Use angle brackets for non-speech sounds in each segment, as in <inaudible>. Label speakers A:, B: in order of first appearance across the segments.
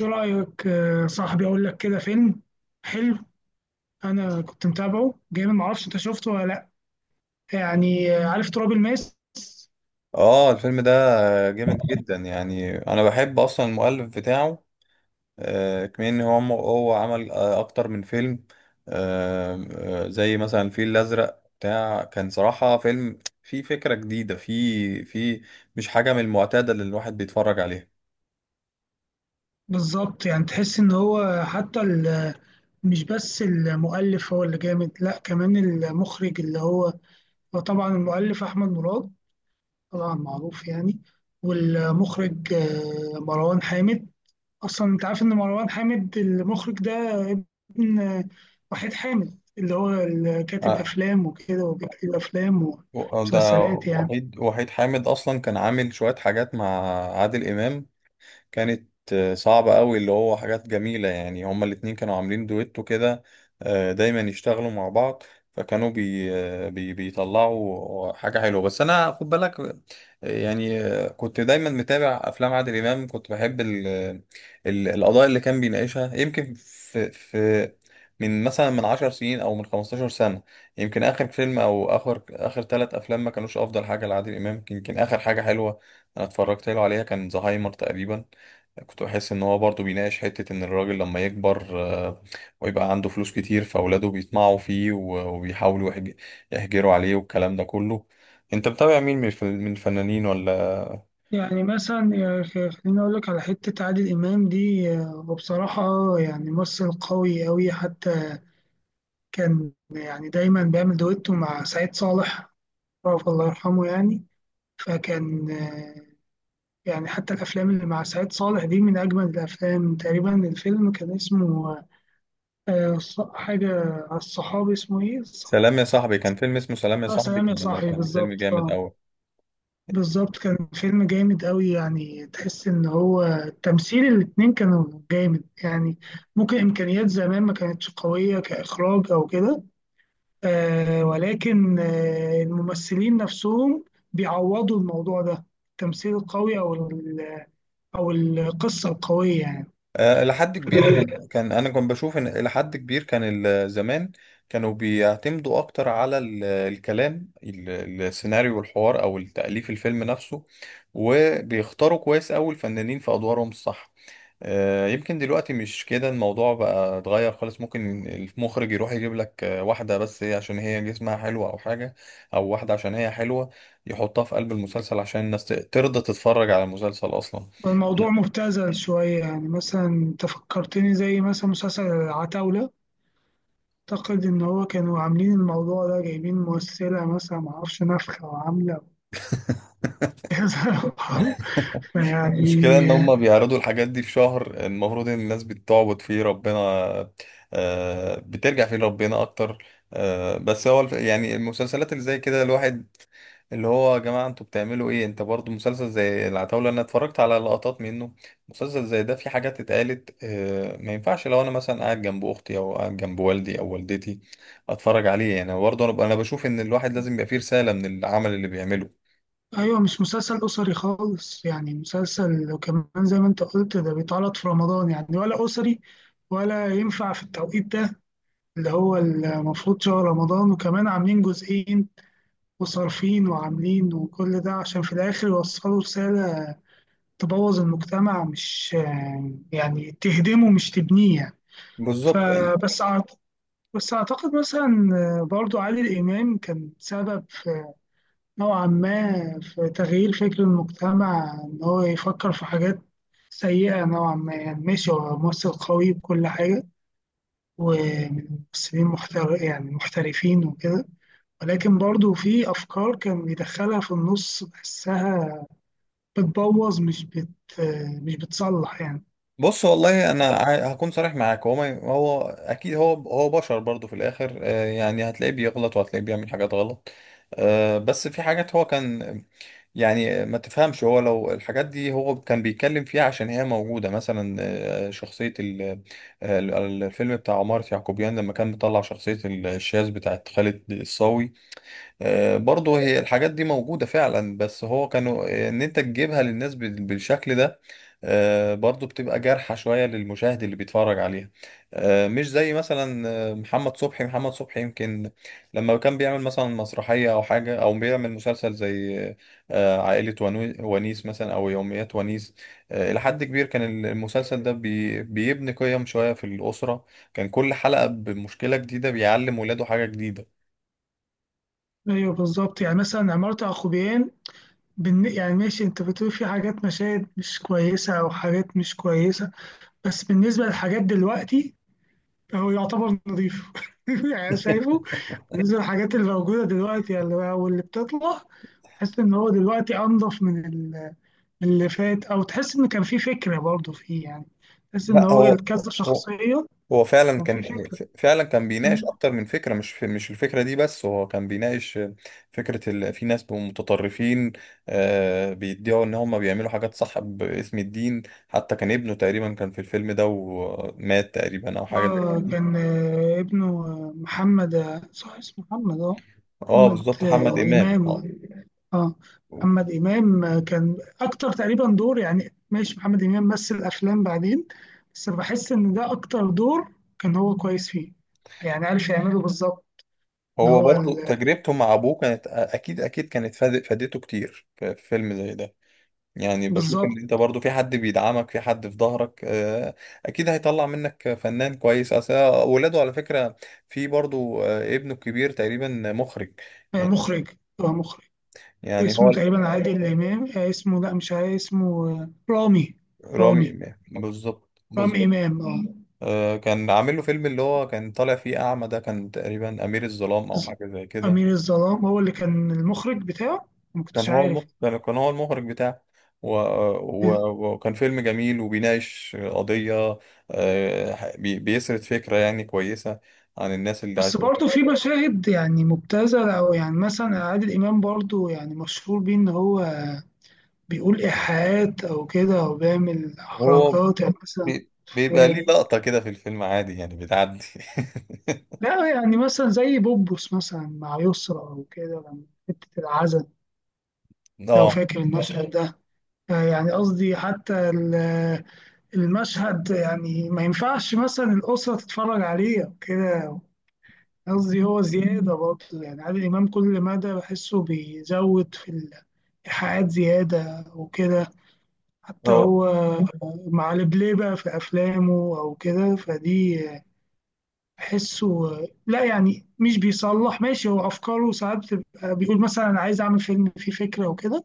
A: ايه رأيك صاحبي؟ اقول لك كده فيلم حلو. انا كنت متابعه جامد، معرفش انت شفته ولا لا. يعني عارف تراب الماس؟
B: اه الفيلم ده جامد جدا. يعني انا بحب اصلا المؤلف بتاعه. كمان ان هو عمل اكتر من فيلم. آه، زي مثلا الفيل الازرق بتاع، كان صراحة فيلم فيه فكرة جديدة، فيه مش حاجة من المعتادة اللي الواحد بيتفرج عليها.
A: بالظبط، يعني تحس ان هو حتى مش بس المؤلف هو اللي جامد، لا كمان المخرج، اللي هو طبعا المؤلف احمد مراد، طبعا معروف يعني. والمخرج مروان حامد. اصلا انت عارف ان مروان حامد المخرج ده ابن وحيد حامد، اللي هو اللي كاتب
B: آه،
A: افلام وكده، وبيكتب افلام
B: ده
A: ومسلسلات يعني.
B: وحيد حامد اصلا كان عامل شوية حاجات مع عادل امام. كانت صعبة قوي، اللي هو حاجات جميلة يعني. هما الاتنين كانوا عاملين دويتو كده، دايما يشتغلوا مع بعض. فكانوا بي آه، بي بيطلعوا حاجة حلوة. بس أنا خد بالك كنت دايما متابع أفلام عادل إمام. كنت بحب ال القضايا اللي كان بيناقشها، يمكن في من مثلا من 10 سنين أو من 15 سنة. يمكن آخر فيلم أو آخر 3 أفلام ما كانوش أفضل حاجة لعادل إمام. يمكن آخر حاجة حلوة أنا اتفرجت له عليها كان زهايمر تقريبا. كنت بحس ان هو برضه بيناقش حتة ان الراجل لما يكبر ويبقى عنده فلوس كتير، فاولاده بيطمعوا فيه وبيحاولوا يحجروا عليه والكلام ده كله. انت متابع مين من الفنانين ولا؟
A: يعني مثلا يا أخي، خليني اقول لك على حته عادل امام دي. وبصراحه يعني ممثل قوي قوي، حتى كان يعني دايما بيعمل دويتو مع سعيد صالح، رافع الله يرحمه يعني. فكان يعني حتى الافلام اللي مع سعيد صالح دي من اجمل الافلام. تقريبا الفيلم كان اسمه حاجة على الصحابي، اسمه إيه؟
B: سلام يا صاحبي، كان فيلم اسمه سلام يا
A: آه،
B: صاحبي،
A: سلام يا
B: كان
A: صاحبي،
B: كان فيلم
A: بالظبط
B: جامد
A: آه.
B: قوي.
A: بالظبط كان فيلم جامد أوي، يعني تحس إن هو تمثيل الاتنين كانوا جامد يعني. ممكن إمكانيات زمان ما كانتش قوية كإخراج أو كده، ولكن الممثلين نفسهم بيعوضوا الموضوع ده، التمثيل القوي أو أو القصة القوية يعني.
B: إلى حد كبير كان أنا كنت بشوف إن إلى حد كبير كان زمان كانوا بيعتمدوا أكتر على الكلام، السيناريو والحوار أو التأليف الفيلم نفسه، وبيختاروا كويس أوي الفنانين في أدوارهم الصح. يمكن دلوقتي مش كده الموضوع، بقى اتغير خالص. ممكن المخرج يروح يجيب لك واحدة بس هي عشان هي جسمها حلو أو حاجة، أو واحدة عشان هي حلوة، يحطها في قلب المسلسل عشان الناس ترضى تتفرج على المسلسل أصلا.
A: الموضوع مبتذل شوية، يعني مثلا أنت فكرتني زي مثلا مسلسل العتاولة. أعتقد إن هو كانوا عاملين الموضوع ده، جايبين ممثلة مثلا معرفش نفخة وعاملة كذا <laughs>
B: المشكلة إن
A: يعني.
B: هما بيعرضوا الحاجات دي في شهر المفروض إن الناس بتعبد فيه ربنا، بترجع فيه لربنا أكتر. بس هو يعني المسلسلات اللي زي كده، الواحد اللي هو، يا جماعة أنتوا بتعملوا إيه؟ أنت برضو مسلسل زي العتاولة أنا اتفرجت على لقطات منه. مسلسل زي ده في حاجات اتقالت ما ينفعش لو أنا مثلا قاعد جنب أختي أو قاعد جنب والدي أو والدتي أتفرج عليه. يعني برضه أنا بشوف إن الواحد لازم يبقى فيه رسالة من العمل اللي بيعمله.
A: أيوة، مش مسلسل أسري خالص يعني مسلسل. وكمان زي ما أنت قلت، ده بيتعرض في رمضان، يعني ولا أسري ولا ينفع في التوقيت ده، اللي هو المفروض شهر رمضان. وكمان عاملين جزئين وصارفين وعاملين، وكل ده عشان في الآخر يوصلوا رسالة تبوظ المجتمع، مش يعني تهدمه مش تبنيه يعني.
B: بالظبط.
A: فبس أعتقد مثلا برضو عادل إمام كان سبب في، نوعا ما، في تغيير فكر المجتمع إن هو يفكر في حاجات سيئة نوعا ما. يعني ماشي، هو ممثل قوي بكل حاجة، ومن ممثلين يعني محترفين وكده، ولكن برضو في أفكار كان بيدخلها في النص بحسها بتبوظ، مش بتصلح يعني.
B: بص والله، انا هكون صريح معاك. هو ما هو اكيد هو، هو بشر برضه في الاخر، يعني هتلاقيه بيغلط وهتلاقيه بيعمل حاجات غلط. بس في حاجات هو كان، يعني ما تفهمش، هو لو الحاجات دي هو كان بيتكلم فيها عشان هي موجودة مثلا. شخصية الفيلم بتاع عمارة يعقوبيان، لما كان مطلع شخصية الشاذ بتاعت خالد الصاوي. برضه هي الحاجات دي موجودة فعلا، بس هو كانوا ان انت تجيبها للناس بالشكل ده، برضه بتبقى جارحة شوية للمشاهد اللي بيتفرج عليها. مش زي مثلا محمد صبحي. يمكن لما كان بيعمل مثلا مسرحية او حاجة، او بيعمل مسلسل زي عائلة ونيس مثلا، او يوميات ونيس. الى حد كبير كان المسلسل ده بيبني قيم شوية في الأسرة. كان كل حلقة بمشكلة جديدة بيعلم ولاده حاجة جديدة.
A: أيوه بالظبط، يعني مثلا عمارة يعقوبيان، يعني ماشي انت بتقول في حاجات مشاهد مش كويسة او حاجات مش كويسة، بس بالنسبة للحاجات دلوقتي هو يعتبر نظيف <laughs> يعني. أنا شايفه بالنسبة للحاجات اللي موجودة دلوقتي، يعني او اللي بتطلع، تحس ان هو دلوقتي انضف من من اللي فات، او تحس ان كان في فكرة برضه فيه يعني. تحس ان
B: لا
A: هو
B: هو،
A: كذا
B: هو
A: شخصية،
B: هو فعلا
A: كان في
B: كان،
A: فكرة.
B: بيناقش اكتر من فكره. مش في، مش الفكره دي بس، هو كان بيناقش فكره في ناس بيبقوا متطرفين، آه، بيدعوا ان هم بيعملوا حاجات صح باسم الدين. حتى كان ابنه تقريبا كان في الفيلم ده ومات تقريبا او حاجه زي
A: اه
B: كده.
A: كان ابنه محمد صح، اسمه محمد اه.
B: اه
A: محمد
B: بالظبط، محمد امام،
A: إمام
B: اه.
A: اه. محمد إمام كان أكتر تقريبا دور. يعني ماشي، محمد إمام مثل أفلام بعدين، بس بحس إن ده أكتر دور كان هو كويس فيه، يعني عارف يعمله بالظبط. اللي
B: هو
A: هو
B: برضو تجربته مع ابوه كانت اكيد اكيد كانت فادته كتير في في فيلم زي ده. يعني بشوف
A: بالظبط
B: ان انت برضو في حد بيدعمك، في حد في ظهرك، اكيد هيطلع منك فنان كويس. اصل اولاده على فكرة، في برضو ابنه الكبير تقريبا مخرج يعني.
A: مخرج. هو مخرج،
B: يعني هو
A: اسمه تقريبا عادل إمام اسمه لا، مش عادل، اسمه رامي.
B: رامي،
A: رامي.
B: بالظبط
A: رامي،
B: بالظبط.
A: إمام اه.
B: كان عامل له فيلم اللي هو كان طالع فيه اعمى، ده كان تقريبا امير الظلام او
A: ز-
B: حاجة زي كده.
A: أمير الظلام هو اللي كان المخرج بتاعه؟ ما
B: كان
A: كنتش
B: هو
A: عارف.
B: المخرج، كان هو المخرج بتاعه. وكان فيلم جميل وبيناقش قضية، بيسرد فكرة يعني كويسة عن الناس اللي
A: بس
B: عايشين.
A: برضه في مشاهد يعني مبتذلة، أو يعني مثلا عادل إمام برضه يعني مشهور بيه إن هو بيقول إيحاءات أو كده، أو بيعمل
B: هو
A: حركات، يعني مثلا
B: بيبقى ليه
A: آه،
B: لقطة كده في الفيلم عادي يعني بتعدي.
A: لا يعني مثلا زي بوبوس مثلا مع يسرا أو كده، لما حتة العزل
B: <laughs>
A: لو
B: اه،
A: فاكر المشهد ده. يعني قصدي حتى المشهد، يعني ما ينفعش مثلا الأسرة تتفرج عليه أو كده. قصدي هو زيادة برضه، يعني عادل إمام كل مدى بحسه بيزود في الإيحاءات زيادة وكده. حتى
B: هو
A: هو مع البلاي بقى في أفلامه أو كده، فدي بحسه. لا يعني مش بيصلح، ماشي هو أفكاره ساعات بتبقى بيقول مثلا أنا عايز أعمل فيلم فيه فكرة وكده،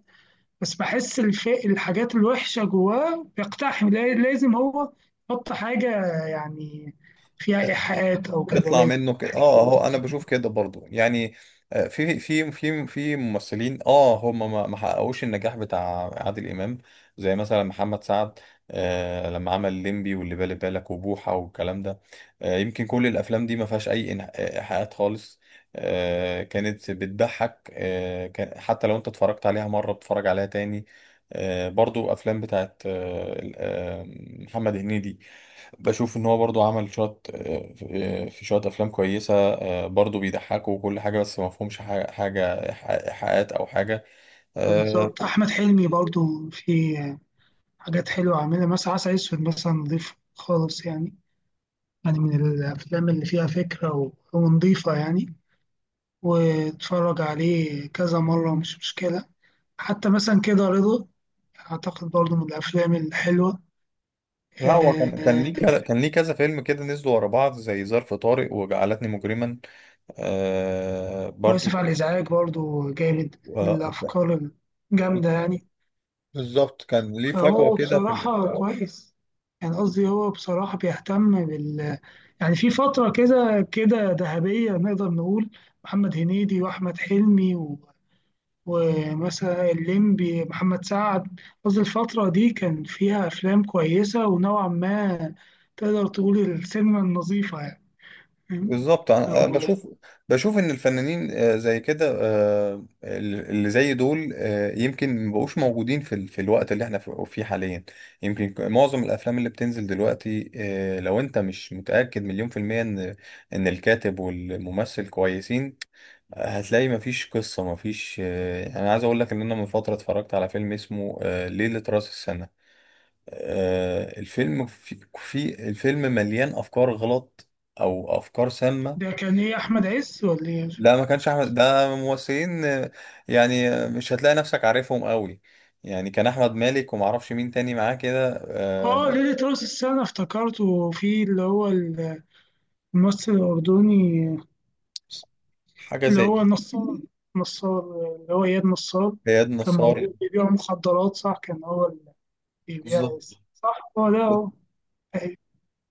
A: بس بحس الحاجات الوحشة جواه بيقتحم، لازم هو يحط حاجة يعني فيها إيحاءات أو كده،
B: بيطلع
A: لازم.
B: منه كده. اه هو انا بشوف كده برضو يعني. في في ممثلين، اه، هم ما حققوش النجاح بتاع عادل امام، زي مثلا محمد سعد، آه لما عمل الليمبي واللي بالي بالك وبوحه والكلام ده. آه يمكن كل الافلام دي ما فيهاش اي ايحاءات خالص. آه، كانت بتضحك، آه كان حتى لو انت اتفرجت عليها مره بتتفرج عليها تاني. آه برضو افلام بتاعت محمد هنيدي. بشوف ان هو برضو عمل شوية في شوية افلام كويسة، برضو بيضحكوا وكل حاجة، بس ما فيهمش حاجة ايحاءات او حاجة. آه،
A: بالظبط، احمد حلمي برضو في حاجات حلوه عاملها. مثلا عسل اسود مثلا، نضيف خالص يعني، يعني من الافلام اللي فيها فكره ونضيفه يعني. واتفرج عليه كذا مره مش مشكله. حتى مثلا كده رضا، اعتقد برضو من الافلام الحلوه.
B: لا هو كان
A: آه،
B: ليه كذا، كان ليه كذا فيلم كده نزلوا ورا بعض، زي ظرف طارق وجعلتني مجرما برضو
A: واسف على الازعاج برضو جامد،
B: آه،
A: الافكار الجامده يعني.
B: بالظبط. كان ليه فجوة
A: فهو
B: كده في
A: بصراحه كويس، يعني قصدي هو بصراحه بيهتم بال، يعني في فترة كده كده ذهبية نقدر نقول: محمد هنيدي وأحمد حلمي ومثلا الليمبي، محمد سعد. قصدي الفترة دي كان فيها أفلام كويسة، ونوعا ما تقدر تقول السينما النظيفة يعني. فاهم؟
B: بالظبط. أنا
A: أو
B: بشوف، بشوف ان الفنانين زي كده، اللي زي دول، يمكن مبقوش موجودين في في الوقت اللي احنا فيه حاليا. يمكن معظم الافلام اللي بتنزل دلوقتي، لو انت مش متاكد مليون في الميه ان الكاتب والممثل كويسين، هتلاقي مفيش قصه مفيش. انا عايز اقول لك ان انا من فتره اتفرجت على فيلم اسمه ليله راس السنه. الفيلم في الفيلم مليان افكار غلط او افكار سامه.
A: ده كان إيه، أحمد عز ولا إيه؟
B: لا ما كانش احمد، ده ممثلين يعني مش هتلاقي نفسك عارفهم قوي. يعني كان احمد مالك وما اعرفش مين تاني معاه كده،
A: آه، ليلة رأس السنة افتكرته، في اللي هو الممثل الأردني
B: حاجه
A: اللي
B: زي
A: هو نصار. نصار، اللي هو إياد نصار،
B: اياد
A: كان
B: نصار.
A: موجود بيبيع مخدرات، صح؟ كان هو اللي بيبيع.
B: بالظبط
A: صح، هو ده هو. أيوة.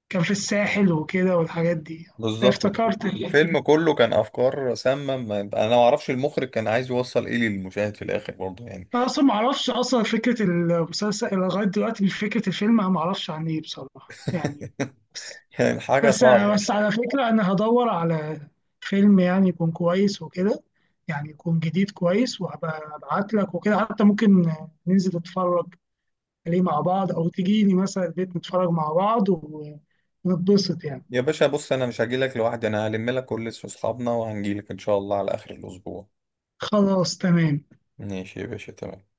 A: كان في الساحل وكده والحاجات دي،
B: بالظبط.
A: فافتكرت. أيوة.
B: الفيلم كله كان افكار سامه. انا ما اعرفش المخرج كان عايز يوصل ايه للمشاهد في الاخر برضه يعني.
A: أنا أصلا معرفش، أصلا فكرة المسلسل لغاية دلوقتي، فكرة الفيلم أنا معرفش عن إيه بصراحة يعني. بس
B: <laughs> يعني حاجه
A: بس
B: صعبه.
A: بس على فكرة، أنا هدور على فيلم يعني يكون كويس وكده، يعني يكون جديد كويس، وهبقى أبعت لك وكده. حتى ممكن ننزل نتفرج ليه مع بعض، او تجيني مثلا البيت نتفرج مع بعض ونتبسط يعني.
B: يا باشا بص، انا مش هجيلك لوحدي، انا هلم لك كل اصحابنا وهنجيلك ان شاء الله على اخر الاسبوع.
A: خلاص، تمام.
B: ماشي يا باشا، تمام.